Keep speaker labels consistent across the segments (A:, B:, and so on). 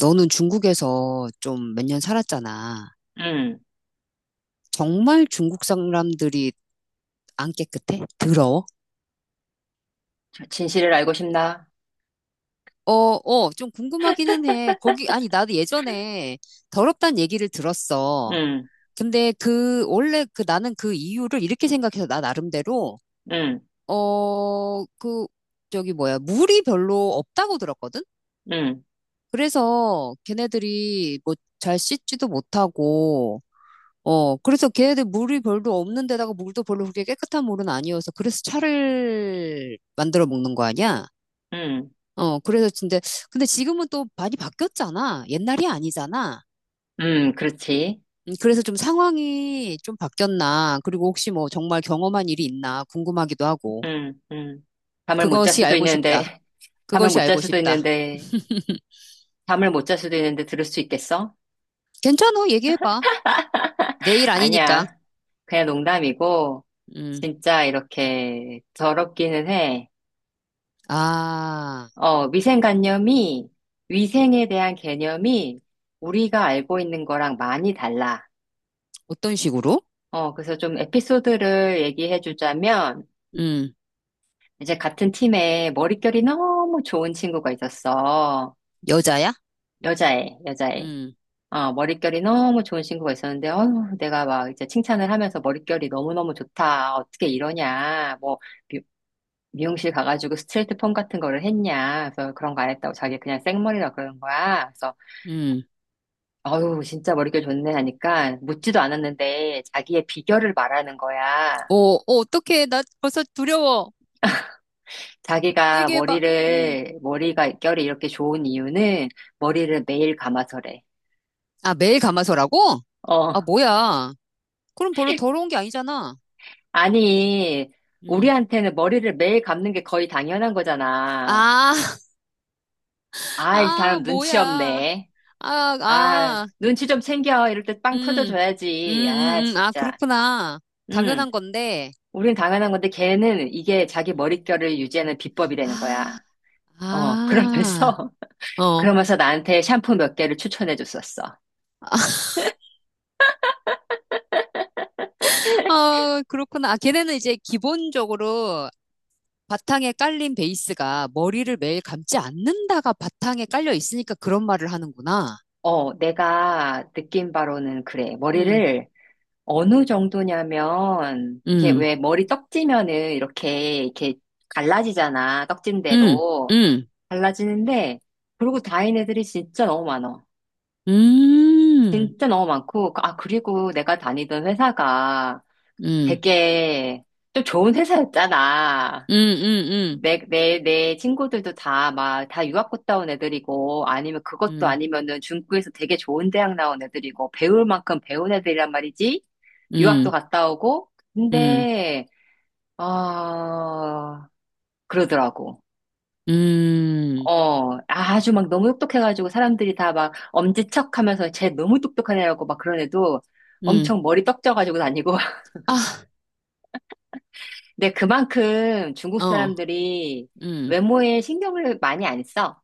A: 너는 중국에서 좀 몇 년 살았잖아.
B: 음,
A: 정말 중국 사람들이 안 깨끗해? 더러워?
B: 진실을 알고 싶나?
A: 좀 궁금하기는 해. 거기, 아니, 나도 예전에 더럽다는 얘기를 들었어.
B: 음,
A: 근데 원래 나는 이유를 이렇게 생각해서 나 나름대로,
B: 음,
A: 어, 그, 저기 뭐야, 물이 별로 없다고 들었거든?
B: 음,
A: 그래서 걔네들이 뭐 잘 씻지도 못하고, 그래서 걔네들 물이 별로 없는 데다가 물도 별로 그렇게 깨끗한 물은 아니어서 그래서 차를 만들어 먹는 거 아니야?
B: 음,
A: 어, 그래서 근데 지금은 또 많이 바뀌었잖아. 옛날이 아니잖아.
B: 그렇지.
A: 그래서 좀 상황이 좀 바뀌었나. 그리고 혹시 뭐 정말 경험한 일이 있나 궁금하기도 하고.
B: 음, 음. 잠을 못 잘
A: 그것이
B: 수도
A: 알고 싶다.
B: 있는데, 잠을
A: 그것이
B: 못 잘
A: 알고
B: 수도
A: 싶다.
B: 있는데, 잠을 못 잘 수도 있는데 들을 수 있겠어?
A: 괜찮아. 얘기해봐. 내 일 아니니까.
B: 아니야. 그냥 농담이고,
A: 음.
B: 진짜 이렇게 더럽기는 해.
A: 아,
B: 어, 위생관념이, 위생에 대한 개념이 우리가 알고 있는 거랑 많이 달라.
A: 어떤 식으로?
B: 그래서 좀 에피소드를 얘기해 주자면,
A: 음.
B: 이제 같은 팀에 머릿결이 너무 좋은 친구가 있었어.
A: 여자야?
B: 여자애, 여자애.
A: 음.
B: 머릿결이 너무 좋은 친구가 있었는데, 어휴, 내가 막 이제 칭찬을 하면서 머릿결이 너무너무 좋다. 어떻게 이러냐. 뭐, 미, 미용실 가가지고 스트레이트 펌 같은 거를 했냐. 그래서 그런 거 안 했다고 자기 그냥 생머리라 그러는 거야. 그래서,
A: 음.
B: 어휴, 진짜 머릿결 좋네 하니까 묻지도 않았는데 자기의 비결을 말하는 거야.
A: 어떡해. 나 벌써 두려워.
B: 자기가
A: 얘기해봐. 음.
B: 머리가 결이 이렇게 좋은 이유는 머리를 매일 감아서래.
A: 아, 매일 감아서라고? 아,
B: 어.
A: 뭐야. 그럼 별로 더러운 게 아니잖아.
B: 아니,
A: 음.
B: 우리한테는 머리를 매일 감는 게 거의 당연한 거잖아.
A: 아,
B: 아, 이
A: 아,
B: 사람 눈치
A: 뭐야.
B: 없네.
A: 아,
B: 아,
A: 아,
B: 눈치 좀 챙겨. 이럴 때 빵
A: 음.
B: 터져줘야지. 아,
A: 아,
B: 진짜.
A: 그렇구나.
B: 음
A: 당연한 건데.
B: 우린 당연한 건데 걔는 이게 자기
A: 음.
B: 머릿결을 유지하는 비법이 되는
A: 아,
B: 거야.
A: 아,
B: 그러면서,
A: 어.
B: 그러면서 나한테 샴푸 몇 개를 추천해 줬었어.
A: 아, 그렇구나. 아, 걔네는 이제 기본적으로 바탕에 깔린 베이스가 머리를 매일 감지 않는다가 바탕에 깔려 있으니까 그런 말을 하는구나.
B: 내가 느낀 바로는 그래.
A: 음,
B: 머리를 어느 정도냐면, 이게
A: 음,
B: 왜 머리 떡지면은 이렇게, 이렇게 갈라지잖아. 떡진
A: 음,
B: 대로.
A: 음,
B: 갈라지는데, 그러고 다닌 애들이 진짜 너무 많아.
A: 음,
B: 진짜 너무 많고, 아, 그리고 내가 다니던 회사가
A: 음,
B: 되게 좀 좋은 회사였잖아.
A: 음, 음,
B: 내 친구들도 다 막, 다 유학 갔다 온 애들이고, 아니면 그것도
A: 음,
B: 아니면은 중국에서 되게 좋은 대학 나온 애들이고, 배울 만큼 배운 애들이란 말이지? 유학도
A: 음,
B: 갔다 오고,
A: 음,
B: 근데, 어, 그러더라고.
A: 음,
B: 아주 막 너무 똑똑해가지고 사람들이 다 막 엄지척 하면서 쟤 너무 똑똑한 애라고 막 그런 애도
A: 음.
B: 엄청 머리 떡져가지고 다니고.
A: 아,
B: 근데 그만큼 중국
A: 어,
B: 사람들이
A: 음,
B: 외모에 신경을 많이 안 써.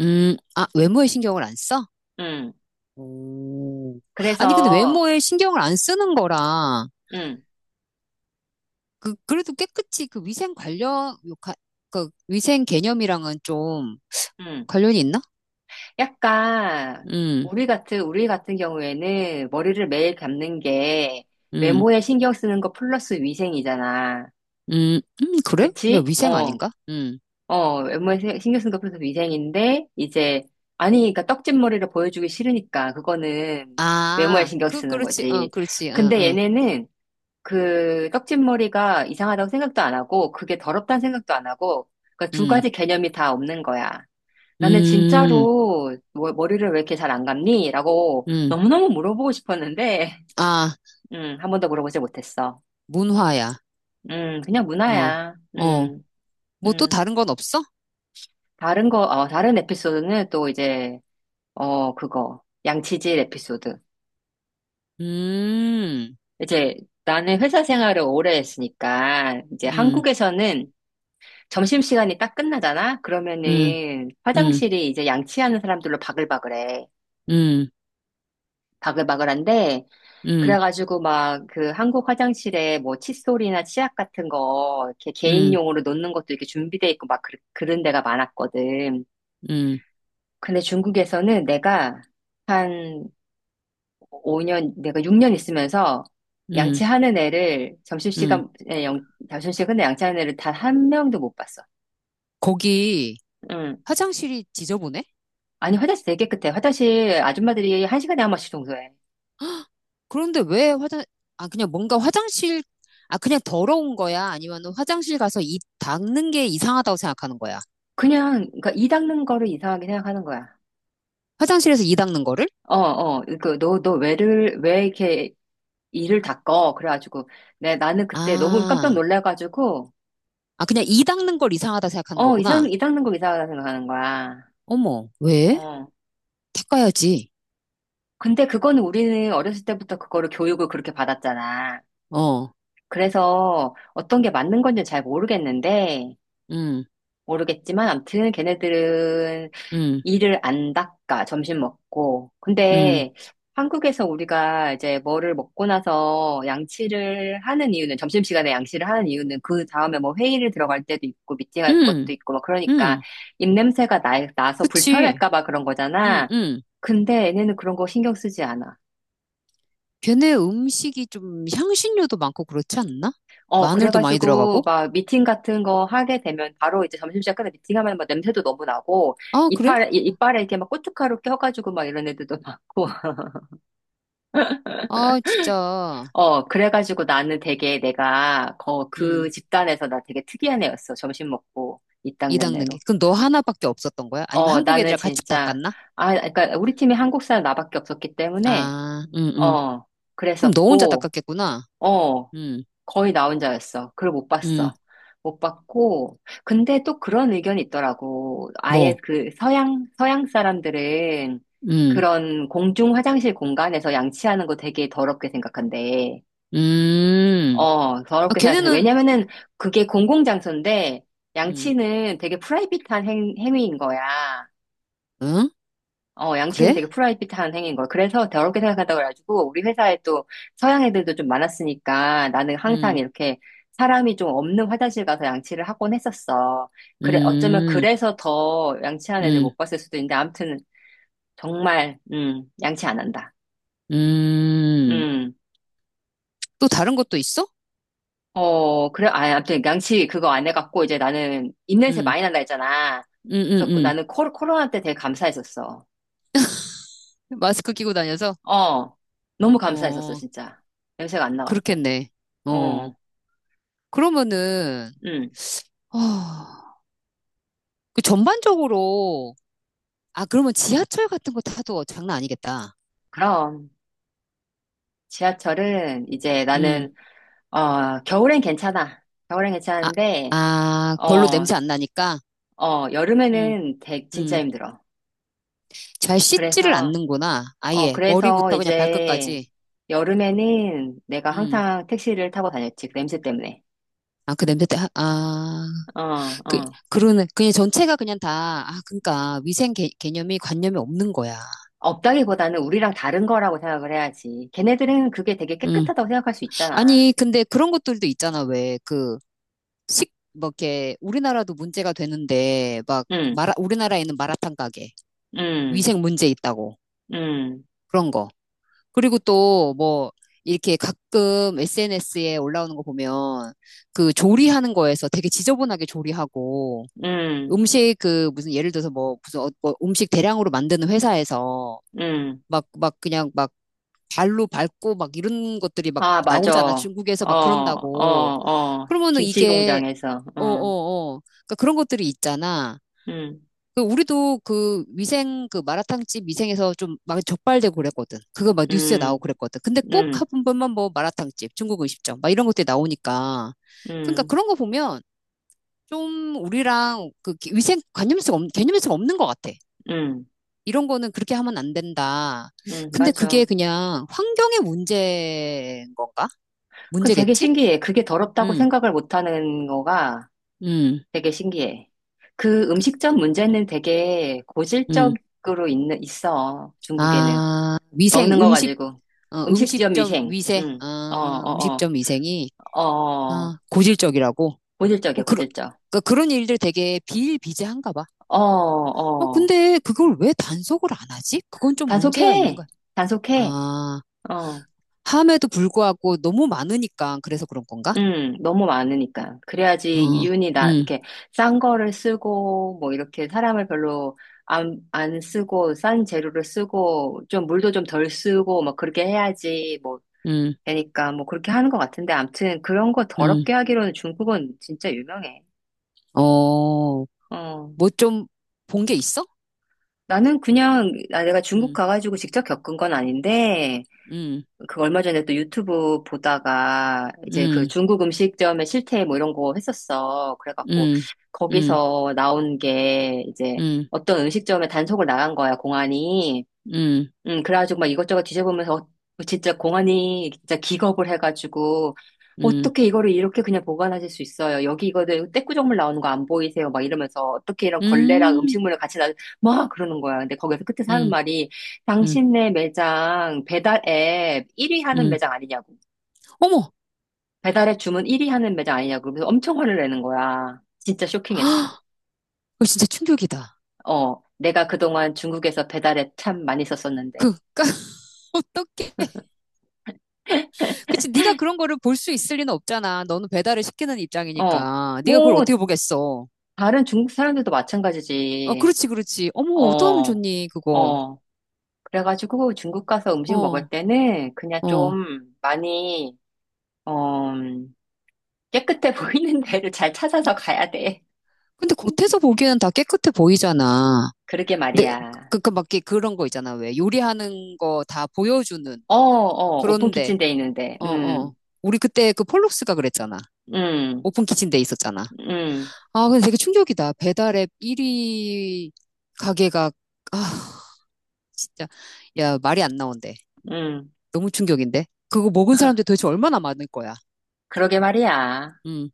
A: 아, 외모에 신경을 안 써?
B: 음.
A: 오. 아니, 근데
B: 그래서,
A: 외모에 신경을 안 쓰는 거랑,
B: 음,
A: 그래도 깨끗이 그 위생 관련, 그 위생 개념이랑은 좀
B: 음.
A: 관련이 있나?
B: 약간
A: 음,
B: 우리 같은 경우에는 머리를 매일 감는 게
A: 음,
B: 외모에 신경 쓰는 거 플러스 위생이잖아.
A: 그래? 그냥
B: 그치?
A: 위생 아닌가? 음.
B: 외모에 신경 쓰는 거 플러스 위생인데 이제 아니, 그러니까 떡진 머리를 보여주기 싫으니까 그거는 외모에
A: 아,
B: 신경 쓰는
A: 그렇지,
B: 거지.
A: 그렇지, 어,
B: 근데
A: 어.
B: 얘네는 그 떡진 머리가 이상하다고 생각도 안 하고 그게 더럽다는 생각도 안 하고 그러니까 두
A: 음,
B: 가지 개념이 다 없는 거야. 나는
A: 음,
B: 진짜로 머리를 왜 이렇게 잘 안 감니? 라고
A: 음.
B: 너무너무 물어보고 싶었는데,
A: 아,
B: 한 번도 물어보지 못했어.
A: 문화야.
B: 그냥
A: 어,
B: 문화야.
A: 어. 뭐 또
B: 음.
A: 다른 건 없어?
B: 다른 에피소드는 또 이제, 그거. 양치질 에피소드.
A: 음,
B: 이제 나는 회사 생활을 오래 했으니까, 이제
A: 음,
B: 한국에서는 점심시간이 딱 끝나잖아?
A: 음,
B: 그러면은
A: 음,
B: 화장실이 이제 양치하는 사람들로 바글바글해.
A: 음,
B: 바글바글한데,
A: 음,
B: 그래가지고 막 그 한국 화장실에 뭐 칫솔이나 치약 같은 거 이렇게
A: 음,
B: 개인용으로 놓는 것도 이렇게 준비돼 있고 막 그런 데가 많았거든.
A: 음,
B: 근데 중국에서는 내가 한 5년, 내가 6년 있으면서
A: 음,
B: 양치하는 애를
A: 음.
B: 점심시간에 영, 점심시간에 양치하는 애를 단 한 명도 못 봤어.
A: 거기
B: 응.
A: 화장실이 지저분해?
B: 아니 화장실 되게 깨끗해. 화장실 아줌마들이 한 시간에 한 번씩 청소해.
A: 그런데 왜 화장, 아, 그냥 뭔가 화장실, 아, 그냥 더러운 거야? 아니면 화장실 가서 이 닦는 게 이상하다고 생각하는 거야?
B: 그냥 그니까이 닦는 거를 이상하게 생각하는 거야.
A: 화장실에서 이 닦는 거를?
B: 너 왜 이렇게 이를 닦어. 그래가지고, 내 나는 그때 너무 깜짝
A: 아,
B: 놀라가지고,
A: 아, 그냥 이 닦는 걸 이상하다 생각하는 거구나.
B: 이 닦는 거 이상하다 생각하는 거야.
A: 어머, 왜?
B: 어.
A: 닦아야지.
B: 근데 그거는 우리는 어렸을 때부터 그거를 교육을 그렇게 받았잖아.
A: 어,
B: 그래서 어떤 게 맞는 건지 잘
A: 음,
B: 모르겠지만, 암튼 걔네들은
A: 음,
B: 이를 안 닦아, 점심 먹고.
A: 음,
B: 근데 한국에서 우리가 이제 뭐를 먹고 나서 양치를 하는 이유는, 점심시간에 양치를 하는 이유는 그 다음에 뭐 회의를 들어갈 때도 있고, 미팅할
A: 음,
B: 것도 있고, 막 그러니까
A: 음,
B: 입냄새가 나서
A: 그치.
B: 불편할까봐 그런
A: 음,
B: 거잖아.
A: 음.
B: 근데 얘네는 그런 거 신경 쓰지 않아.
A: 걔네 음식이 좀 향신료도 많고 그렇지 않나? 마늘도 많이
B: 그래가지고,
A: 들어가고?
B: 막, 미팅 같은 거 하게 되면, 바로 이제 점심시간 끝에 미팅하면 막 냄새도 너무 나고,
A: 아, 그래?
B: 이빨에 이렇게 막 고춧가루 껴가지고 막 이런 애들도 많고,
A: 아, 진짜.
B: 그래가지고 나는 되게 내가 거, 그
A: 음,
B: 집단에서 나 되게 특이한 애였어. 점심 먹고 이땅
A: 이 닦는 게.
B: 내내로.
A: 그럼 너 하나밖에 없었던 거야? 아니면
B: 어,
A: 한국
B: 나는
A: 애들이랑 같이
B: 진짜,
A: 닦았나?
B: 아, 그러니까 우리 팀이 한국 사람 나밖에 없었기 때문에,
A: 아,
B: 어,
A: 그럼 너 혼자
B: 그랬었고,
A: 닦았겠구나.
B: 어,
A: 음,
B: 거의 나 혼자였어. 그걸 못
A: 음,
B: 봤어. 못 봤고, 근데 또 그런 의견이 있더라고. 아예
A: 뭐,
B: 그 서양 사람들은
A: 음,
B: 그런 공중 화장실 공간에서 양치하는 거 되게 더럽게 생각한대.
A: 음. 아,
B: 더럽게 생각해서.
A: 걔네는,
B: 왜냐면은 그게 공공장소인데
A: 음,
B: 양치는 되게 프라이빗한 행위인 거야.
A: 응?
B: 양치는
A: 그래?
B: 되게 프라이빗한 행위인 거야. 그래서 더럽게 생각한다고 그래가지고 우리 회사에 또 서양 애들도 좀 많았으니까 나는 항상
A: 음,
B: 이렇게 사람이 좀 없는 화장실 가서 양치를 하곤 했었어. 그래, 어쩌면
A: 음,
B: 그래서 더 양치하는 애들
A: 음.
B: 못 봤을 수도 있는데 아무튼 정말, 양치 안 한다.
A: 음,
B: 음.
A: 또 다른 것도 있어?
B: 그래, 아, 아무튼 양치 그거 안 해갖고 이제 나는 입냄새
A: 음,
B: 많이 난다 했잖아.
A: 음,
B: 그래서
A: 음,
B: 나는 코로나 때 되게 감사했었어.
A: 마스크 끼고 다녀서?
B: 어, 너무 감사했었어,
A: 어,
B: 진짜. 냄새가 안 나갖고.
A: 그렇겠네. 어,
B: 어,
A: 그러면은,
B: 음
A: 어, 전반적으로, 아, 그러면 지하철 같은 거 타도 장난 아니겠다.
B: 그럼 지하철은 이제
A: 음,
B: 나는, 겨울엔 괜찮아. 겨울엔
A: 아,
B: 괜찮은데,
A: 아, 별로
B: 어,
A: 냄새 안 나니까? 음,
B: 여름에는 되 진짜
A: 음.
B: 힘들어.
A: 잘 씻지를
B: 그래서,
A: 않는구나. 아예,
B: 그래서
A: 머리부터 그냥
B: 이제
A: 발끝까지.
B: 여름에는 내가
A: 음,
B: 항상 택시를 타고 다녔지. 그 냄새 때문에.
A: 아, 그 냄새 때, 아, 아.
B: 어,
A: 그,
B: 어.
A: 그러는, 그냥 전체가 그냥 다, 아, 그러니까 위생 개념이 관념이 없는 거야.
B: 없다기보다는 우리랑 다른 거라고 생각을 해야지. 걔네들은 그게 되게
A: 음.
B: 깨끗하다고 생각할 수 있잖아.
A: 아니, 근데 그런 것들도 있잖아, 왜. 그, 뭐, 이렇게, 우리나라도 문제가 되는데, 막,
B: 응,
A: 우리나라에는 마라탕 가게,
B: 응,
A: 위생 문제 있다고,
B: 응,
A: 그런 거. 그리고 또, 뭐, 이렇게 가끔 SNS에 올라오는 거 보면, 그 조리하는 거에서 되게 지저분하게 조리하고,
B: 응,
A: 음식 무슨 예를 들어서 뭐, 무슨 뭐 음식 대량으로 만드는 회사에서,
B: 응.
A: 막 그냥 막 발로 밟고 막 이런 것들이 막
B: 아, 맞아.
A: 나오잖아.
B: 어,
A: 중국에서 막
B: 어,
A: 그런다고.
B: 어.
A: 그러면은
B: 김치
A: 이게,
B: 공장에서.
A: 어,
B: 응,
A: 어, 어. 그러니까 그런 것들이 있잖아.
B: 응,
A: 그 우리도 그 위생, 그 마라탕집 위생에서 좀 막 적발되고 그랬거든. 그거 막 뉴스에 나오고
B: 응,
A: 그랬거든. 근데 꼭
B: 응,
A: 한 번만 뭐 마라탕집, 중국 음식점, 막 이런 것들이 나오니까. 그러니까
B: 응,
A: 그런 거 보면 좀 우리랑 그 위생 관념에서, 개념에서 없는 것 같아.
B: 응,
A: 이런 거는 그렇게 하면 안 된다.
B: 응,
A: 근데
B: 맞아.
A: 그게 그냥 환경의 문제인 건가?
B: 되게
A: 문제겠지?
B: 신기해. 그게 더럽다고
A: 음,
B: 생각을 못하는 거가
A: 음,
B: 되게 신기해.
A: 그,
B: 음식점 문제는 되게
A: 음.
B: 고질적으로 있어. 중국에는.
A: 아, 위생,
B: 먹는 거
A: 음식,
B: 가지고. 음식점
A: 음식점
B: 위생.
A: 위생,
B: 응. 어,
A: 아,
B: 어,
A: 음식점 위생이,
B: 어, 어.
A: 아, 고질적이라고. 어,
B: 고질적이야,
A: 그러,
B: 고질적.
A: 그러니까 그런 일들 되게 비일비재한가 봐.
B: 어, 어.
A: 근데 그걸 왜 단속을 안 하지? 그건 좀 문제가 있는
B: 단속해.
A: 거야.
B: 단속해.
A: 아,
B: 어.
A: 함에도 불구하고 너무 많으니까 그래서 그런 건가?
B: 너무 많으니까. 그래야지
A: 어,
B: 이윤이 나,
A: 음,
B: 이렇게 싼 거를 쓰고, 뭐 이렇게 사람을 별로 안 쓰고, 싼 재료를 쓰고, 좀 물도 좀 덜 쓰고, 막 그렇게 해야지, 뭐,
A: 음,
B: 되니까, 뭐 그렇게 하는 것 같은데, 암튼 그런 거
A: 음.
B: 더럽게 하기로는 중국은 진짜 유명해.
A: 어,
B: 어.
A: 뭐 좀 본 게 있어?
B: 내가 중국
A: 응
B: 가가지고 직접 겪은 건 아닌데
A: 응
B: 그 얼마 전에 또 유튜브 보다가
A: 응
B: 이제 그 중국 음식점의 실태 뭐 이런 거 했었어. 그래갖고
A: 응 응
B: 거기서 나온 게 이제
A: 응 응
B: 어떤 음식점에 단속을 나간 거야, 공안이.
A: 응
B: 그래가지고 막 이것저것 뒤져보면서 뭐 진짜 공안이 진짜 기겁을 해가지고
A: 응
B: 어떻게 이거를 이렇게 그냥 보관하실 수 있어요? 여기 이거들 떼꾸정물 나오는 거 안 보이세요? 막 이러면서 어떻게 이런 걸레랑
A: 응
B: 음식물을 같이 나, 막 그러는 거야. 근데 거기서 끝에 사는
A: 응,
B: 말이 당신네 매장 배달 앱 1위 하는
A: 응.
B: 매장 아니냐고.
A: 어머,
B: 배달 앱 주문 1위 하는 매장 아니냐고. 그래서 엄청 화를 내는 거야. 진짜 쇼킹했어.
A: 그거 진짜 충격이다.
B: 내가 그동안 중국에서 배달 앱 참 많이 썼었는데.
A: 그, 까, 어떡해. 그치, 네가 그런 거를 볼 수 있을 리는 없잖아. 너는 배달을 시키는
B: 어.
A: 입장이니까. 네가 그걸
B: 뭐,
A: 어떻게 보겠어.
B: 다른 중국 사람들도
A: 어,
B: 마찬가지지.
A: 그렇지, 그렇지. 어머, 어떡하면
B: 어,
A: 좋니, 그거.
B: 어. 그래가지고 중국 가서 음식 먹을
A: 어,
B: 때는 그냥
A: 어.
B: 좀 많이, 어, 깨끗해 보이는 데를 잘 찾아서 가야 돼.
A: 근데 겉에서 보기에는 다 깨끗해 보이잖아.
B: 그러게
A: 근데
B: 말이야.
A: 막, 이렇게 그런 거 있잖아. 왜 요리하는 거 다 보여주는.
B: 어, 어, 오픈
A: 그런데,
B: 키친 돼 있는데.
A: 어, 어. 우리 그때 그 폴록스가 그랬잖아.
B: 음,
A: 오픈 키친데 있었잖아.
B: 음,
A: 아, 근데 되게 충격이다. 배달 앱 1위 가게가, 아, 진짜. 야, 말이 안 나온대.
B: 음.
A: 너무 충격인데? 그거 먹은 사람들 도대체 얼마나 많을 거야.
B: 그러게 말이야.
A: 음.